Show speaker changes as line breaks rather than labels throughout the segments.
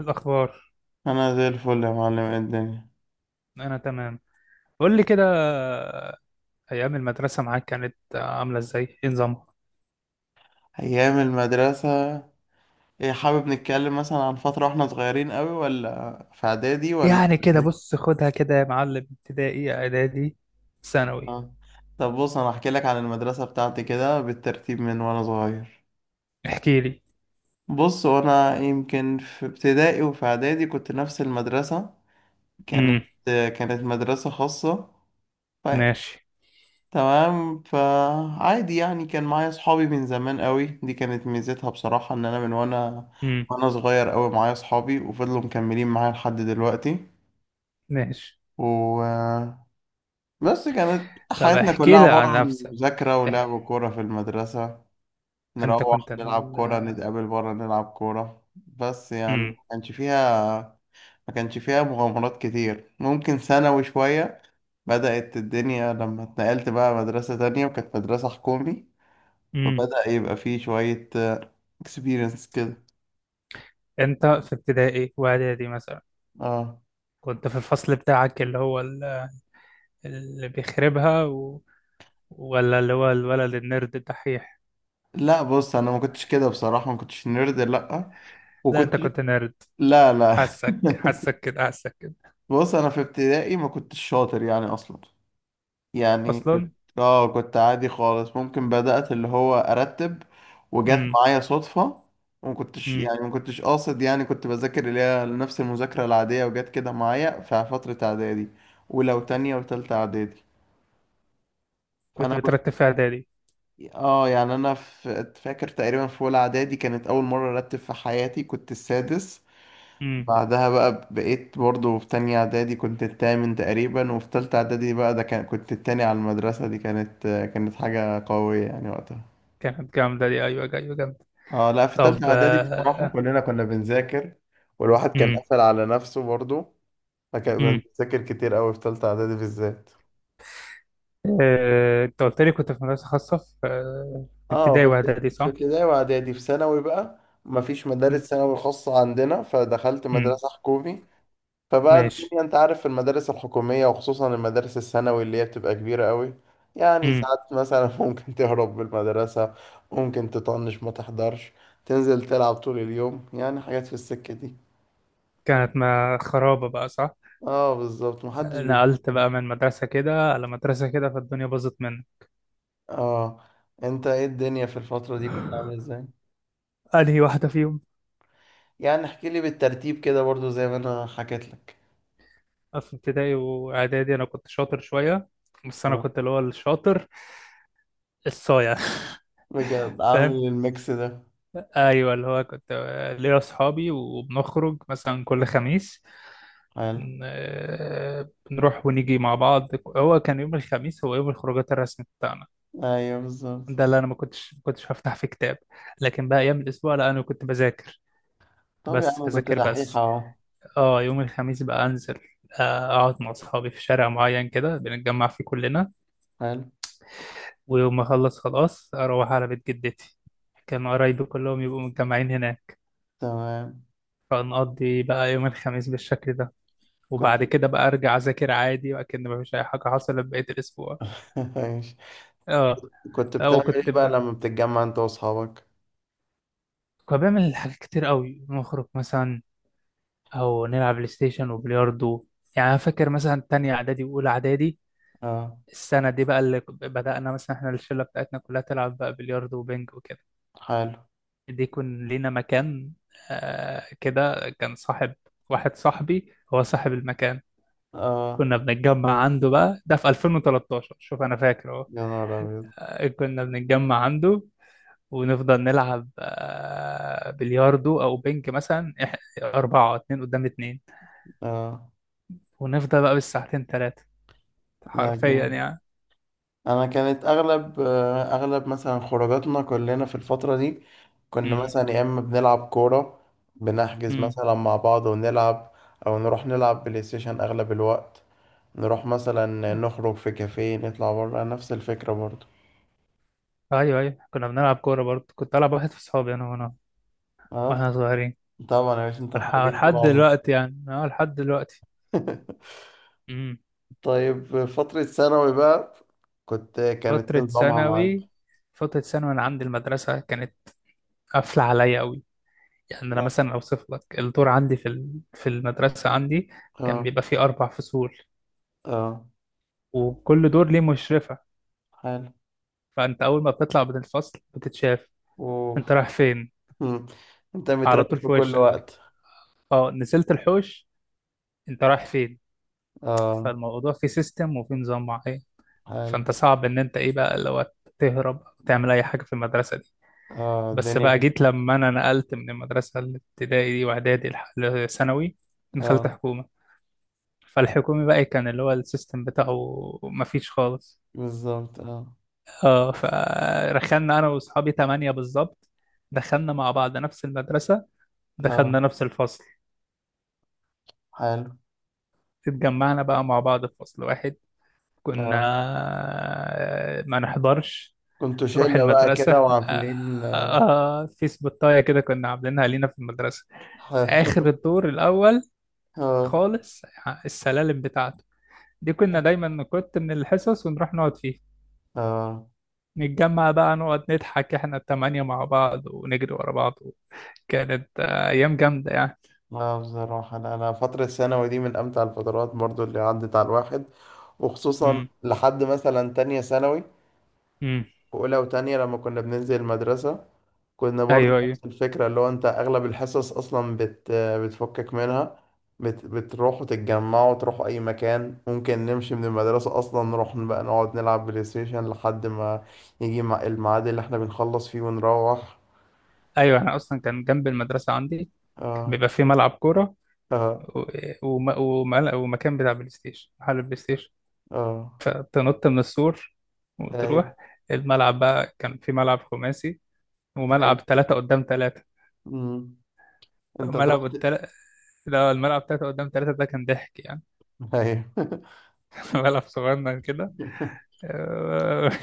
الأخبار.
انا زي الفل يا معلم. إيه الدنيا؟
أنا تمام. قول لي كده، أيام المدرسة معاك كانت عاملة إزاي؟ إيه نظامها؟
ايام المدرسة، ايه؟ حابب نتكلم مثلا عن فترة واحنا صغيرين قوي، ولا في اعدادي، ولا
يعني كده
ثانوي؟
بص خدها كده يا معلم، ابتدائي إعدادي ثانوي.
اه. طب بص، انا احكي لك عن المدرسة بتاعتي كده بالترتيب من وانا صغير.
احكي لي.
بص، وانا يمكن في ابتدائي وفي اعدادي كنت نفس المدرسة. كانت
امم
كانت مدرسة خاصة.
ماشي.
تمام، فعادي يعني، كان معايا صحابي من زمان قوي. دي كانت ميزتها بصراحة، ان انا من وانا
امم
وانا صغير قوي معايا صحابي، وفضلوا مكملين معايا لحد دلوقتي.
ماشي.
و بس كانت
طب
حياتنا كلها
احكي لي
عبارة
عن
عن
نفسك.
مذاكرة
إح-
ولعب كورة في المدرسة.
أنت كنت
نروح نلعب كورة، نتقابل بره نلعب كورة، بس يعني ما
امم
كانش فيها ما كانش فيها مغامرات كتير. ممكن ثانوي شوية بدأت الدنيا، لما اتنقلت بقى مدرسة تانية، وكانت مدرسة حكومي،
امم
فبدأ يبقى فيه شوية اكسبيرينس كده.
أنت في ابتدائي وإعدادي مثلا
اه.
كنت في الفصل بتاعك اللي هو اللي بيخربها ولا اللي هو الولد النرد الدحيح؟
لا بص، انا ما كنتش كده بصراحة، ما كنتش نيرد، لا.
لا أنت
وكنت
كنت نرد،
لا، لا.
حاسك حاسك كده حاسك كده.
بص، انا في ابتدائي ما كنتش شاطر يعني اصلا. يعني كنت
اصلا.
اه، كنت عادي خالص. ممكن بدأت اللي هو ارتب وجت
امم
معايا صدفة، وما كنتش
امم
يعني ما كنتش قاصد يعني. كنت بذاكر اللي هي نفس المذاكرة العادية، وجت كده معايا في فترة اعدادي، ولو تانية وتالتة اعدادي.
كنت
فانا
بترتب في اعدادي.
اه، يعني انا فاكر تقريبا في اولى اعدادي كانت اول مره ارتب في حياتي، كنت السادس.
امم
بعدها بقى بقيت برضو في تانية اعدادي، كنت التامن تقريبا. وفي تالتة اعدادي بقى، ده كان كنت التاني على المدرسه. دي كانت حاجه قويه يعني وقتها.
كانت جامده دي، ايوه ايوه جامده.
اه، لا في
طب
تالتة اعدادي بصراحه
آه،
كلنا كنا بنذاكر، والواحد كان
امم
قفل على نفسه برضو. فكان
امم
بنذاكر كتير قوي في تالتة اعدادي بالذات.
آه، انت قلت لي كنت في مدرسه خاصه في
اه، في
ابتدائي واعدادي،
في
صح؟
ابتدائي واعدادي. في ثانوي بقى مفيش مدارس
امم
ثانوي خاصة عندنا، فدخلت
أمم،
مدرسة حكومي. فبقى
ماشي.
الدنيا، انت عارف المدارس الحكومية، وخصوصا المدارس الثانوي اللي هي بتبقى كبيرة قوي. يعني
امم
ساعات مثلا ممكن تهرب بالمدرسة، ممكن تطنش ما تحضرش، تنزل تلعب طول اليوم، يعني حاجات في السكة دي.
كانت ما خرابه بقى، صح؟
اه بالظبط، محدش
آه،
بي
نقلت بقى من مدرسه كده على مدرسه كده فالدنيا باظت مني.
اه، انت ايه؟ الدنيا في الفترة دي كنت عامل ازاي؟
انهي واحده فيهم؟
يعني احكي لي بالترتيب كده برضو زي ما انا حكيت لك.
في ابتدائي واعدادي انا كنت شاطر شويه، بس انا كنت اللي هو الشاطر الصايع
بجد عامل
فاهم؟
الميكس ده.
ايوه، اللي هو كنت ليا اصحابي وبنخرج مثلا كل خميس.
حلو.
ن- بنروح ونيجي مع بعض. هو كان يوم الخميس هو يوم الخروجات الرسمي بتاعنا.
ايوه بالظبط.
ده اللي انا ما كنتش هفتح فيه كتاب، لكن بقى ايام الاسبوع لا، انا كنت بذاكر،
طب يا
بس
عم كنت
بذاكر
دحيح
بس.
اهو.
اه يوم الخميس بقى انزل، آه، اقعد مع اصحابي في شارع معين كده بنتجمع فيه كلنا،
حلو.
ويوم ما اخلص خلاص اروح على بيت جدتي، كان قرايبي كلهم يبقوا متجمعين هناك.
تمام.
فنقضي بقى يوم الخميس بالشكل ده،
كنت
وبعد كده بقى ارجع اذاكر عادي وكأن مفيش اي حاجه حصلت بقيه الاسبوع.
ماشي.
اه.
كنت
او
بتعمل
كنت
ايه بقى
بقى
لما بتتجمع انت واصحابك؟
كنت بعمل حاجات كتير قوي، نخرج مثلا او نلعب بلاي ستيشن وبلياردو. يعني انا فاكر مثلا تانية اعدادي واولى اعدادي،
اه.
السنه دي بقى بدأنا مثلا احنا الشله بتاعتنا كلها تلعب بقى بلياردو وبنج وكده.
حلو.
دي يكون لينا مكان. آه كده كان صاحب، واحد صاحبي هو صاحب المكان.
اه.
كنا بنتجمع عنده بقى، ده في 2013، شوف انا فاكر اهو.
يا نهار ابيض.
آه، كنا بنتجمع عنده ونفضل نلعب، آه، بلياردو او بينج، مثلا اربعة، اتنين قدام اتنين،
اه.
ونفضل بقى بالساعتين تلاتة،
لا
حرفيا
جامد.
يعني.
انا كانت اغلب، اغلب مثلا خروجاتنا كلنا في الفترة دي، كنا
امم
مثلا يا اما بنلعب كورة، بنحجز
امم
مثلا مع بعض ونلعب، او نروح نلعب بلاي ستيشن اغلب الوقت. نروح مثلا نخرج في كافيه، نطلع بره، نفس الفكرة برضو.
ايوه ايوه، كنا بنلعب كورة برضه، كنت العب واحد في صحابي انا،
اه،
واحنا صغيرين.
طبعا يا باشا، انت حريف طول
لحد
عمرك.
دلوقتي يعني، اه لحد دلوقتي. امم
طيب، فترة ثانوي بقى كانت
فترة
إيه نظامها معاك؟
ثانوي. فترة ثانوي انا عندي المدرسة كانت قافلة عليا أوي. يعني انا مثلا اوصف لك الدور عندي في المدرسه عندي كان
اه.
بيبقى فيه اربع فصول،
اه.
وكل دور ليه مشرفه.
حلو.
فانت اول ما بتطلع من الفصل بتتشاف، انت
اوف.
رايح فين؟
مم. انت
على
متراقب
طول
في
في
كل
وشك.
وقت.
اه نزلت الحوش، انت رايح فين؟
اه.
فالموضوع فيه سيستم وفيه نظام معين،
حلو.
فانت صعب ان انت ايه بقى لو تهرب او تعمل اي حاجه في المدرسه دي.
اه
بس
الدنيا
بقى
كده.
جيت لما انا نقلت من المدرسه الابتدائي دي واعدادي لثانوي، دخلت
اه
حكومه. فالحكومي بقى كان اللي هو السيستم بتاعه مفيش خالص.
بالظبط. اه.
اه فرخلنا انا واصحابي تمانية بالظبط، دخلنا مع بعض نفس المدرسة،
اه
دخلنا نفس الفصل،
حلو.
اتجمعنا بقى مع بعض في فصل واحد. كنا
اه،
آه، ما نحضرش،
كنتوا
نروح
شلة بقى
المدرسة،
كده
آه
وعاملين،
آه، في سبوتاية كده كنا عاملينها لينا في المدرسة،
حلو.
آخر الدور الأول
اه.
خالص، السلالم بتاعته دي كنا دايما نكت من الحصص ونروح نقعد فيها،
اه.
نتجمع بقى نقعد نضحك احنا التمانية مع بعض ونجري ورا بعض. كانت آه، أيام جامدة يعني.
لا بصراحة، أنا فترة الثانوي دي من أمتع الفترات برضو اللي عدت على الواحد، وخصوصا
امم
لحد مثلا تانية ثانوي.
امم
وأولى وتانية لما كنا بننزل المدرسة، كنا برضو
أيوه أيوه
نفس الفكرة، اللي هو أنت أغلب الحصص أصلا بتفكك منها، بتروحوا تتجمعوا، تروحوا أي مكان. ممكن نمشي من المدرسة أصلا، نروح بقى نقعد نلعب بلاي ستيشن لحد ما يجي الميعاد اللي احنا بنخلص فيه ونروح.
أيوه، أنا أصلا كان جنب المدرسة عندي كان
آه.
بيبقى فيه ملعب كورة
آه.
و... ومكان بتاع بلاي ستيشن، محل بلاي ستيشن،
آه.
فتنط من السور
أيوه.
وتروح. الملعب بقى كان فيه ملعب خماسي
أيوه.
وملعب تلاتة قدام تلاتة.
أمم. انت
ملعب
تروح؟
التل... لا الملعب تلاتة قدام تلاتة ده كان ضحك يعني،
ايوه.
ملعب صغنن كده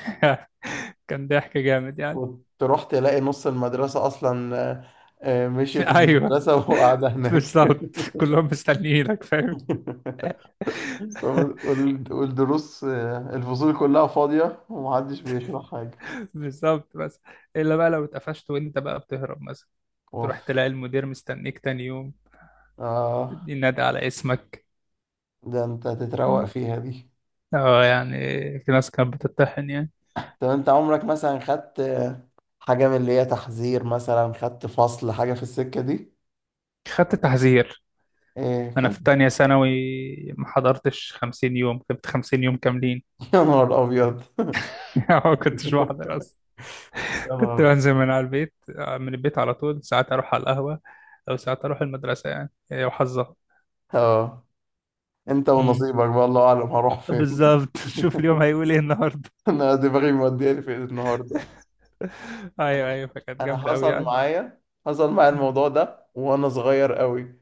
كان ضحك جامد يعني.
وتروح تلاقي نص المدرسة أصلا، مشيت من
ايوه
المدرسة وقاعدة هناك.
بالظبط، كلهم مستنيينك فاهم.
والدروس، الفصول كلها فاضية، ومحدش بيشرح حاجة.
بالظبط. بس الا بقى لو اتقفشت وانت بقى بتهرب مثلا،
اوف.
تروح تلاقي المدير مستنيك تاني يوم،
اه.
تدي نادي على اسمك.
ده انت تتروق فيها دي.
اه يعني، في ناس كانت بتتطحن يعني.
طب انت عمرك مثلا خدت، حاجة من اللي هي تحذير؟ مثلا خدت فصل، حاجة في السكة دي؟
خدت تحذير.
ايه
انا
كان؟
في تانية ثانوي ما حضرتش 50 يوم، كنت 50 يوم كاملين.
يا نهار أبيض.
ما كنتش بحضر،
يا
كنت
نهار.
بنزل من على البيت، آه، من البيت على طول، ساعات اروح على القهوة او ساعات اروح المدرسة، يعني هي وحظها.
اه، انت
امم
ونصيبك بقى، الله أعلم هروح فين.
بالظبط. شوف اليوم هيقول ايه النهارده.
انا دماغي مودياني في إيه النهارده.
ايوه ايوه، فكانت
انا
جامدة قوي
حصل
يعني.
معايا حصل معايا
مم.
الموضوع ده وانا صغير قوي.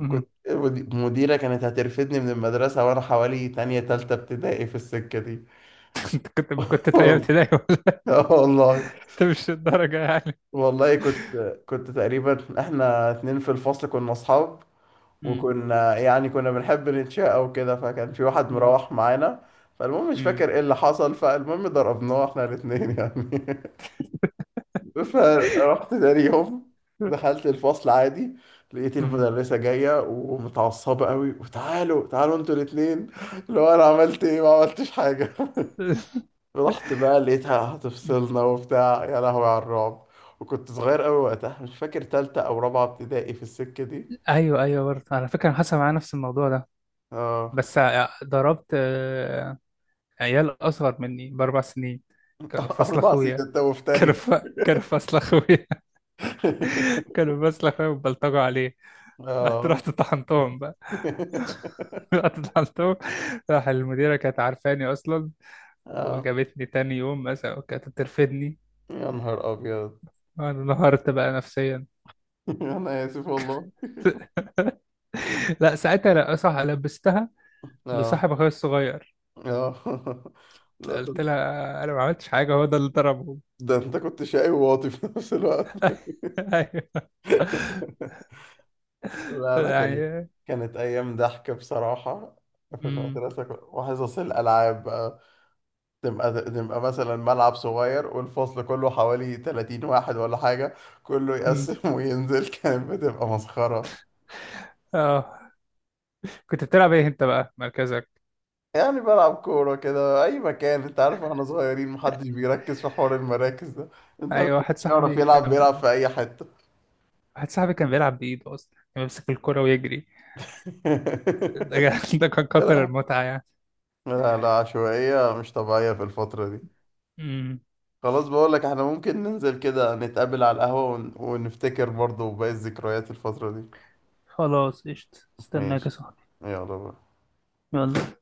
مم.
كنت المديره كانت هترفدني من المدرسه، وانا حوالي تانية تالتة ابتدائي في السكه دي.
كنت تانية
والله.
ابتدائي ولا؟
آه والله.
انت مش الدرجة يعني.
والله كنت تقريبا، احنا اتنين في الفصل كنا اصحاب،
مم.
وكنا يعني كنا بنحب نتشاقى وكده. فكان في واحد
مم.
مروح معانا. فالمهم مش
مم.
فاكر ايه اللي حصل، فالمهم ضربناه احنا الاتنين يعني. فرحت تاني يوم دخلت الفصل عادي، لقيت
مم.
المدرسة جاية ومتعصبة قوي، وتعالوا تعالوا انتوا الاتنين. اللي هو انا عملت ايه؟ ما عملتش حاجة. رحت بقى لقيتها هتفصلنا وبتاع، يا لهوي على الرعب. وكنت صغير قوي وقتها، مش فاكر تالتة او رابعة ابتدائي في السكة دي.
ايوه ايوه، برضه على فكره أنا حصل معايا نفس الموضوع ده،
اه.
بس ضربت آه، عيال اصغر مني باربع سنين، كانوا في فصل
اربع سنين،
اخويا،
انت مفتري.
كانوا فاصل اخويا. كانوا فاصل اخويا وبلطجوا عليه، رحت
اه.
رحت طحنتهم بقى. رحت طحنتهم. راح المديرة كانت عارفاني أصلا،
اه.
وجابتني تاني يوم مثلا وكانت ترفدني.
يا نهار ابيض.
أنا انهارت بقى نفسيا.
انا اسف والله.
لا ساعتها لا صح، لبستها
اه.
لصاحب أخويا الصغير.
اه. لا
قلت لها أنا ما عملتش حاجة، هو ده اللي ضربه.
ده انت كنت شقي وواطي في نفس الوقت.
أيوه
لا لا.
يعني.
كانت ايام ضحك بصراحه. في
امم
المدرسه وحصص الالعاب بقى، تبقى مثلا ملعب صغير، والفصل كله حوالي 30 واحد ولا حاجه، كله
أمم.
يقسم وينزل، كانت بتبقى مسخره.
اه كنت بتلعب ايه انت بقى، مركزك؟
يعني بلعب كوره كده اي مكان، انت عارف احنا صغيرين، محدش بيركز في حوار المراكز ده. انت
ايوه واحد
يعرف
صاحبي
يلعب بيلعب
كان،
في اي حته.
واحد صاحبي كان بيلعب بإيده أصلا، كان بيمسك الكرة ويجري. ده ده كان كتر المتعة يعني.
لا لا، عشوائية مش طبيعية في الفترة دي.
امم
خلاص، بقولك احنا ممكن ننزل كده، نتقابل على القهوة ونفتكر برضه باقي الذكريات الفترة دي.
خلاص قشطة، استناك يا
ماشي.
صاحبي.
يلا بقى.
يلا.